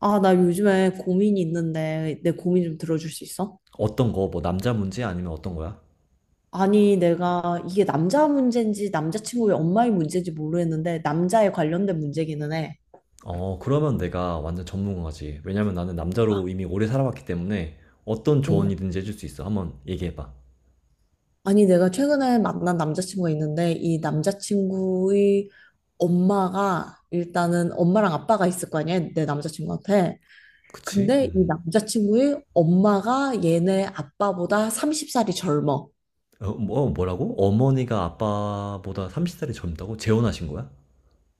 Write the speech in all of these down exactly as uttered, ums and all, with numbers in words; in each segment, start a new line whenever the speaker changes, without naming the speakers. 아, 나 요즘에 고민이 있는데 내 고민 좀 들어줄 수 있어?
어떤 거, 뭐 남자 문제 아니면 어떤 거야?
아니, 내가 이게 남자 문제인지 남자친구의 엄마의 문제인지 모르겠는데 남자에 관련된 문제기는 해.
어, 그러면 내가 완전 전문가지. 왜냐면 나는 남자로 이미 오래 살아왔기 때문에 어떤
어.
조언이든지 해줄 수 있어. 한번 얘기해봐.
아니, 내가 최근에 만난 남자친구가 있는데 이 남자친구의 엄마가 일단은 엄마랑 아빠가 있을 거 아니야, 내 남자친구한테.
그치?
근데 이
음.
남자친구의 엄마가 얘네 아빠보다 서른 살이 젊어.
어, 뭐, 뭐라고? 어머니가 아빠보다 서른 살이 젊다고? 재혼하신 거야?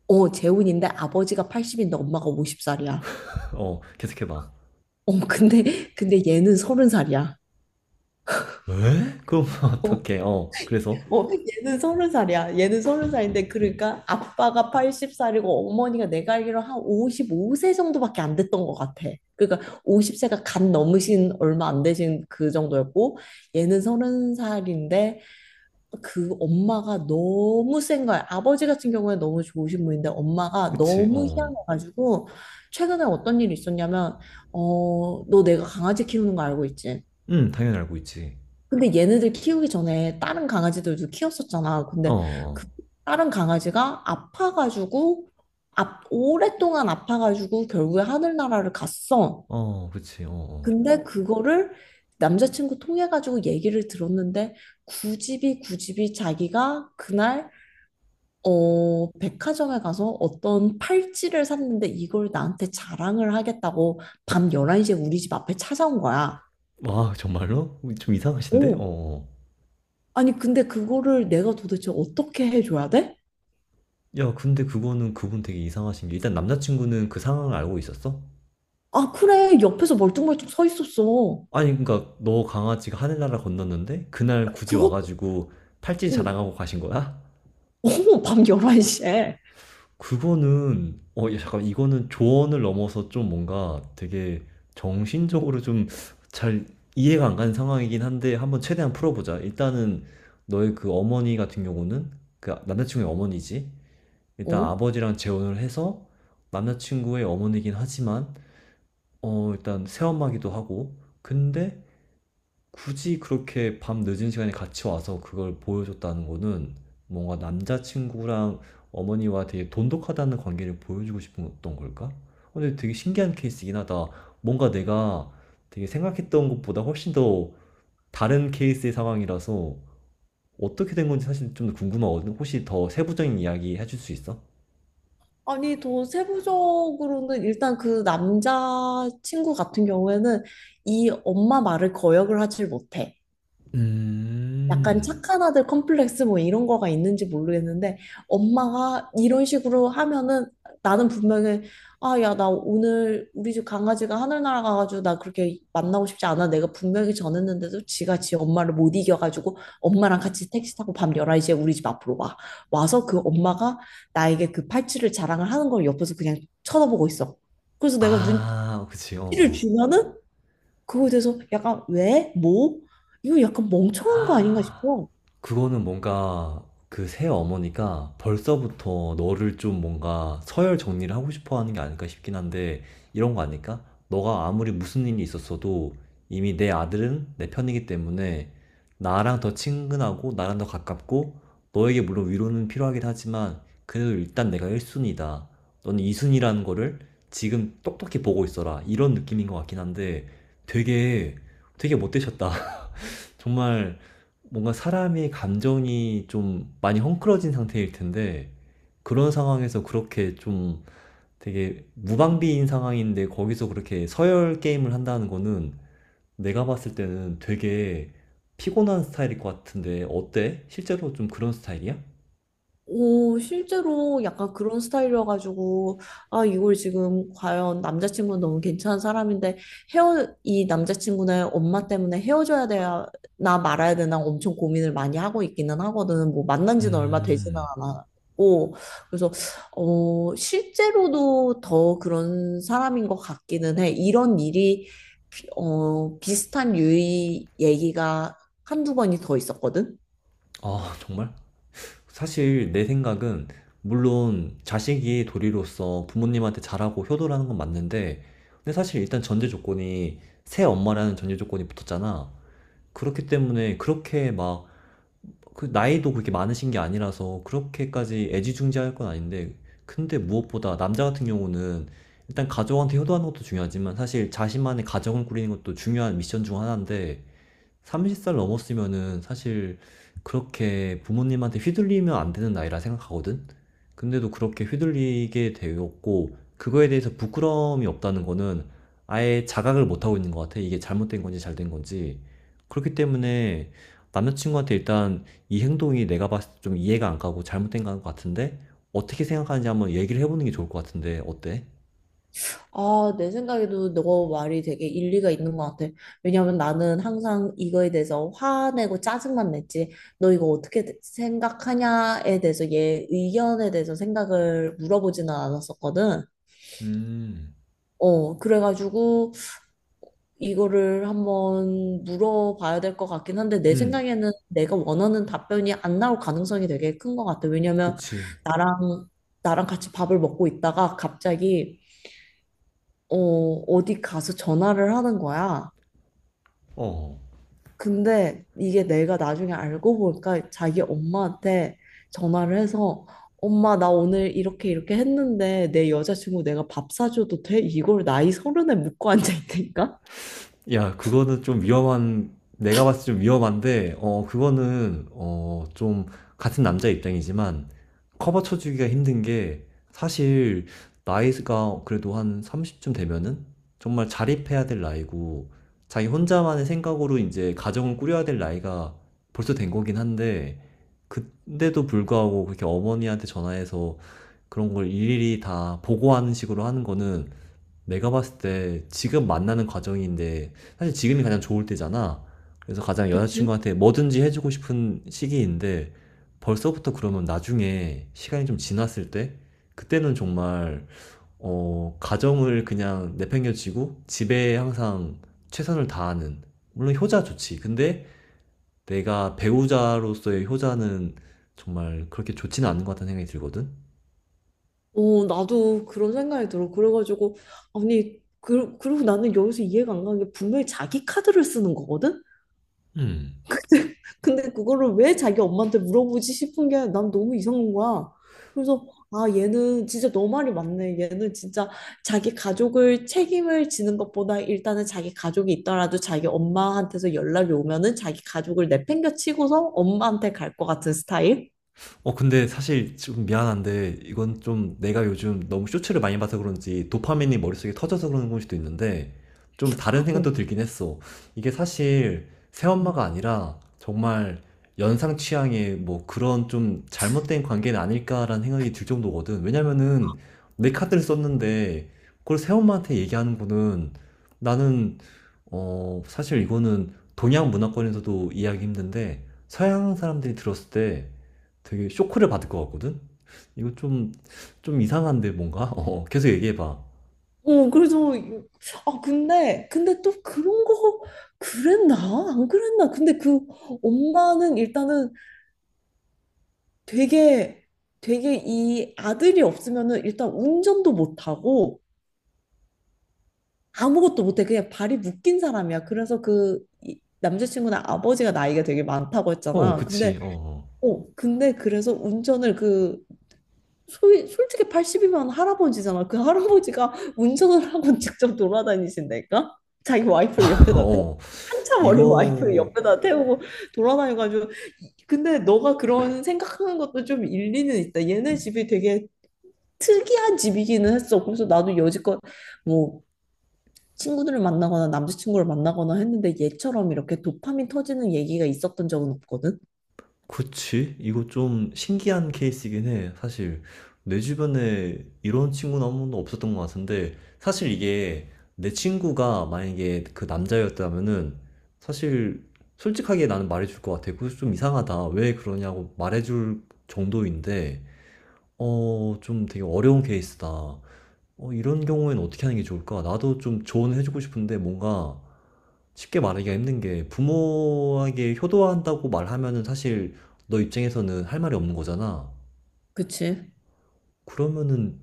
어, 재혼인데 아버지가 팔십인데 엄마가 쉰 살이야.
어, 계속해봐.
어, 근데, 근데 얘는 서른 살이야.
왜? 그럼
어,
어떡해. 어, 그래서?
어, 얘는 서른 살이야. 얘는 서른 살인데, 그러니까 아빠가 여든 살이고 어머니가 내가 알기로 한 오십오 세 정도밖에 안 됐던 것 같아. 그러니까 오십 세가 갓 넘으신 얼마 안 되신 그 정도였고, 얘는 서른 살인데, 그 엄마가 너무 센 거야. 아버지 같은 경우에 너무 좋으신 분인데, 엄마가
그치,
너무
어.
희한해가지고, 최근에 어떤 일이 있었냐면, 어, 너 내가 강아지 키우는 거 알고 있지?
응, 당연히 알고 있지.
근데 얘네들 키우기 전에 다른 강아지들도 키웠었잖아.
어,
근데 그
어,
다른 강아지가 아파가지고, 아, 오랫동안 아파가지고 결국에 하늘나라를 갔어.
어, 어, 그치, 어, 어.
근데 그거를 남자친구 통해가지고 얘기를 들었는데 굳이 굳이 자기가 그날 어, 백화점에 가서 어떤 팔찌를 샀는데 이걸 나한테 자랑을 하겠다고 밤 열한 시에 우리 집 앞에 찾아온 거야.
와, 정말로? 좀 이상하신데? 어,
오,
어.
아니, 근데 그거를 내가 도대체 어떻게 해줘야 돼?
야, 근데 그거는 그분 되게 이상하신 게 일단 남자친구는 그 상황을 알고 있었어?
아, 그래. 옆에서 멀뚱멀뚱 서 있었어.
아니, 그러니까 너 강아지가 하늘나라 건넜는데 그날 굳이
그것도,
와가지고 팔찌
어,
자랑하고 가신 거야?
어, 밤 열한 시에.
그거는 어, 야, 잠깐 이거는 조언을 넘어서 좀 뭔가 되게 정신적으로 좀 잘 이해가 안 가는 상황이긴 한데 한번 최대한 풀어보자. 일단은 너의 그 어머니 같은 경우는 그 남자친구의 어머니지. 일단
어?
아버지랑 재혼을 해서 남자친구의 어머니긴 하지만 어, 일단 체험하기도 하고, 근데 굳이 그렇게 밤 늦은 시간에 같이 와서 그걸 보여줬다는 거는 뭔가 남자친구랑 어머니와 되게 돈독하다는 관계를 보여주고 싶은 어떤 걸까? 어, 근데 되게 신기한 케이스이긴 하다. 뭔가 내가 되게 생각했던 것보다 훨씬 더 다른 케이스의 상황이라서 어떻게 된 건지 사실 좀 궁금하거든. 혹시 더 세부적인 이야기 해줄 수 있어?
아니, 더 세부적으로는 일단 그 남자 친구 같은 경우에는 이 엄마 말을 거역을 하질 못해. 약간
음,
착한 아들 컴플렉스 뭐 이런 거가 있는지 모르겠는데 엄마가 이런 식으로 하면은 나는 분명히, 아, 야, 나 오늘 우리 집 강아지가 하늘 날아가가지고 나 그렇게 만나고 싶지 않아. 내가 분명히 전했는데도 지가 지 엄마를 못 이겨가지고 엄마랑 같이 택시 타고 밤 열한 시에 우리 집 앞으로 와. 와서 그 엄마가 나에게 그 팔찌를 자랑을 하는 걸 옆에서 그냥 쳐다보고 있어. 그래서 내가 눈치를
아, 그치, 어, 어.
주면은 그거에 대해서 약간 왜? 뭐? 이거 약간 멍청한 거 아닌가 싶어.
그거는 뭔가 그 새 어머니가 벌써부터 너를 좀 뭔가 서열 정리를 하고 싶어 하는 게 아닐까 싶긴 한데 이런 거 아닐까? 너가 아무리 무슨 일이 있었어도 이미 내 아들은 내 편이기 때문에 나랑 더 친근하고 나랑 더 가깝고 너에게 물론 위로는 필요하긴 하지만 그래도 일단 내가 일 순위다. 너는 이 순위라는 거를 지금 똑똑히 보고 있어라. 이런 느낌인 것 같긴 한데 되게 되게 못 되셨다. 정말 뭔가 사람의 감정이 좀 많이 헝클어진 상태일 텐데 그런 상황에서 그렇게 좀 되게 무방비인 상황인데 거기서 그렇게 서열 게임을 한다는 거는 내가 봤을 때는 되게 피곤한 스타일일 것 같은데 어때? 실제로 좀 그런 스타일이야?
오, 실제로 약간 그런 스타일이어가지고, 아, 이걸 지금 과연 남자친구는 너무 괜찮은 사람인데, 헤어, 이 남자친구는 엄마 때문에 헤어져야 되나 말아야 되나 엄청 고민을 많이 하고 있기는 하거든. 뭐, 만난 지는 얼마 되지는
음,
않았고, 그래서, 어, 실제로도 더 그런 사람인 것 같기는 해. 이런 일이, 비- 어, 비슷한 유의 얘기가 한두 번이 더 있었거든.
아, 정말? 사실 내 생각은 물론 자식이 도리로서 부모님한테 잘하고 효도라는 건 맞는데 근데 사실 일단 전제 조건이 새 엄마라는 전제 조건이 붙었잖아. 그렇기 때문에 그렇게 막 그 나이도 그렇게 많으신 게 아니라서 그렇게까지 애지중지할 건 아닌데 근데 무엇보다 남자 같은 경우는 일단 가족한테 효도하는 것도 중요하지만 사실 자신만의 가정을 꾸리는 것도 중요한 미션 중 하나인데 서른 살 넘었으면은 사실 그렇게 부모님한테 휘둘리면 안 되는 나이라 생각하거든? 근데도 그렇게 휘둘리게 되었고, 그거에 대해서 부끄러움이 없다는 거는 아예 자각을 못하고 있는 것 같아. 이게 잘못된 건지 잘 된 건지. 그렇기 때문에 남자친구한테 일단 이 행동이 내가 봤을 때 좀 이해가 안 가고 잘못된 것 같은데, 어떻게 생각하는지 한번 얘기를 해보는 게 좋을 것 같은데, 어때?
아, 내 생각에도 너 말이 되게 일리가 있는 것 같아. 왜냐면 나는 항상 이거에 대해서 화내고 짜증만 냈지. 너 이거 어떻게 대- 생각하냐에 대해서 얘 의견에 대해서 생각을 물어보지는 않았었거든.
음,
어, 그래가지고 이거를 한번 물어봐야 될 것 같긴 한데 내
음,
생각에는 내가 원하는 답변이 안 나올 가능성이 되게 큰 것 같아. 왜냐면
그치.
나랑 나랑 같이 밥을 먹고 있다가 갑자기 어, 어디 가서 전화를 하는 거야.
어.
근데 이게 내가 나중에 알고 보니까 자기 엄마한테 전화를 해서, 엄마 나 오늘 이렇게 이렇게 했는데 내 여자친구 내가 밥 사줘도 돼? 이걸 나이 서른에 묻고 앉아 있다니까?
야, 그거는 좀 위험한, 내가 봤을 때 좀 위험한데, 어, 그거는, 어, 좀, 같은 남자 입장이지만, 커버 쳐주기가 힘든 게, 사실, 나이가 그래도 한 서른쯤 되면은, 정말 자립해야 될 나이고, 자기 혼자만의 생각으로 이제 가정을 꾸려야 될 나이가 벌써 된 거긴 한데, 그때도 불구하고 그렇게 어머니한테 전화해서 그런 걸 일일이 다 보고하는 식으로 하는 거는 내가 봤을 때 지금 만나는 과정인데 사실 지금이 가장 좋을 때잖아. 그래서 가장
그치?
여자친구한테 뭐든지 해주고 싶은 시기인데 벌써부터 그러면 나중에 시간이 좀 지났을 때 그때는 정말 어, 가정을 그냥 내팽겨치고 집에 항상 최선을 다하는 물론 효자 좋지. 근데 내가 배우자로서의 효자는 정말 그렇게 좋지는 않은 것 같다는 생각이 들거든.
어, 나도 그런 생각이 들어. 그래가지고, 아니, 그, 그리고 나는 여기서 이해가 안 가는 게 분명히 자기 카드를 쓰는 거거든?
음.
근데 그거를 왜 자기 엄마한테 물어보지 싶은 게 난 너무 이상한 거야. 그래서, 아, 얘는 진짜 너 말이 맞네. 얘는 진짜 자기 가족을 책임을 지는 것보다 일단은 자기 가족이 있더라도 자기 엄마한테서 연락이 오면은 자기 가족을 내팽겨 치고서 엄마한테 갈 것 같은 스타일.
어, 근데 사실 좀 미안한데, 이건 좀 내가 요즘 너무 쇼츠를 많이 봐서 그런지 도파민이 머릿속에 터져서 그런 걸 수도 있는데, 좀 다른
어,
생각도 들긴 했어. 이게 사실
어,
새엄마가 아니라 정말 연상 취향의 뭐 그런 좀 잘못된 관계는 아닐까라는 생각이 들 정도거든. 왜냐면은 내 카드를 썼는데, 그걸 새엄마한테 얘기하는 거는 나는 어, 사실 이거는 동양 문화권에서도 이해하기 힘든데 서양 사람들이 들었을 때 되게 쇼크를 받을 것 같거든? 이거 좀, 좀 이상한데 뭔가? 어, 계속 얘기해봐.
어, 그래서 이- 아, 근데 근데 또 그런 거, 그랬나? 안 그랬나? 근데 그 엄마는 일단은 되게 되게 이 아들이 없으면은 일단 운전도 못하고 아무것도 못해, 그냥 발이 묶인 사람이야. 그래서 그 이- 남자친구는 아버지가 나이가 되게 많다고
어,
했잖아. 근데,
그치. 어,
어 근데 그래서 운전을, 그 소위 솔직히 팔십이면 할아버지잖아. 그 할아버지가 운전을 하고 직접 돌아다니신다니까? 자기
어.
와이프를 옆에다 태
어,
한참 어린 와이프를
이거
옆에다 태우고 돌아다녀가지고, 근데 너가 그런 생각하는 것도 좀 일리는 있다. 얘네 집이 되게 특이한 집이기는 했어. 그래서 나도 여지껏 뭐 친구들을 만나거나 남자친구를 만나거나 했는데 얘처럼 이렇게 도파민 터지는 얘기가 있었던 적은 없거든.
그치? 이거 좀 신기한 케이스이긴 해. 사실 내 주변에 이런 친구는 한 번도 없었던 것 같은데 사실 이게 내 친구가 만약에 그 남자였다면은 사실 솔직하게 나는 말해줄 것 같아. 그거 좀 이상하다. 왜 그러냐고 말해줄 정도인데 어, 좀 되게 어려운 케이스다. 어, 이런 경우에는 어떻게 하는 게 좋을까? 나도 좀 조언을 해주고 싶은데 뭔가 쉽게 말하기가 힘든 게 부모에게 효도한다고 말하면은 사실 너 입장에서는 할 말이 없는 거잖아.
그치?
그러면은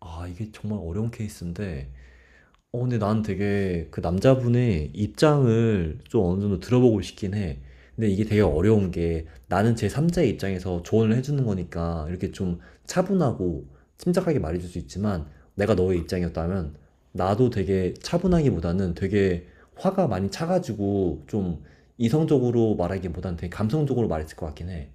아, 이게 정말 어려운 케이스인데 어, 근데 난 되게 그 남자분의 입장을 좀 어느 정도 들어보고 싶긴 해. 근데 이게 되게 어려운 게 나는 제삼자의 입장에서 조언을 해주는 거니까 이렇게 좀 차분하고 침착하게 말해줄 수 있지만 내가 너의 입장이었다면 나도 되게 차분하기보다는 되게 화가 많이 차가지고 좀 이성적으로 말하기보다는 되게 감성적으로 말했을 것 같긴 해.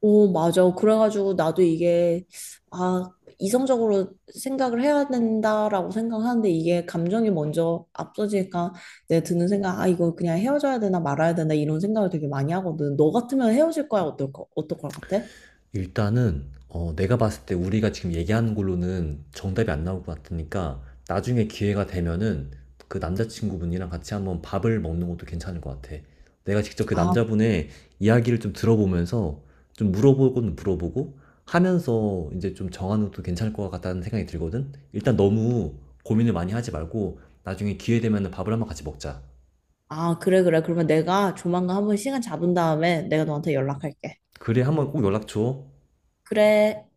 오, 맞아. 그래가지고 나도 이게, 아, 이성적으로 생각을 해야 된다라고 생각하는데 이게 감정이 먼저 앞서지니까 내 드는 생각, 아, 이거 그냥 헤어져야 되나 말아야 되나 이런 생각을 되게 많이 하거든. 너 같으면 헤어질 거야? 어떨 거, 어떨 것 같아?
일단은 어, 내가 봤을 때 우리가 지금 얘기하는 걸로는 정답이 안 나올 것 같으니까 나중에 기회가 되면은 그 남자친구분이랑 같이 한번 밥을 먹는 것도 괜찮을 것 같아. 내가 직접 그
아,
남자분의 이야기를 좀 들어보면서 좀 물어보고는 물어보고 하면서 이제 좀 정하는 것도 괜찮을 것 같다는 생각이 들거든. 일단 너무 고민을 많이 하지 말고 나중에 기회 되면은 밥을 한번 같이 먹자.
아, 그래, 그래. 그러면 내가 조만간 한번 시간 잡은 다음에 내가 너한테 연락할게.
그래, 한번 꼭 연락 줘.
그래.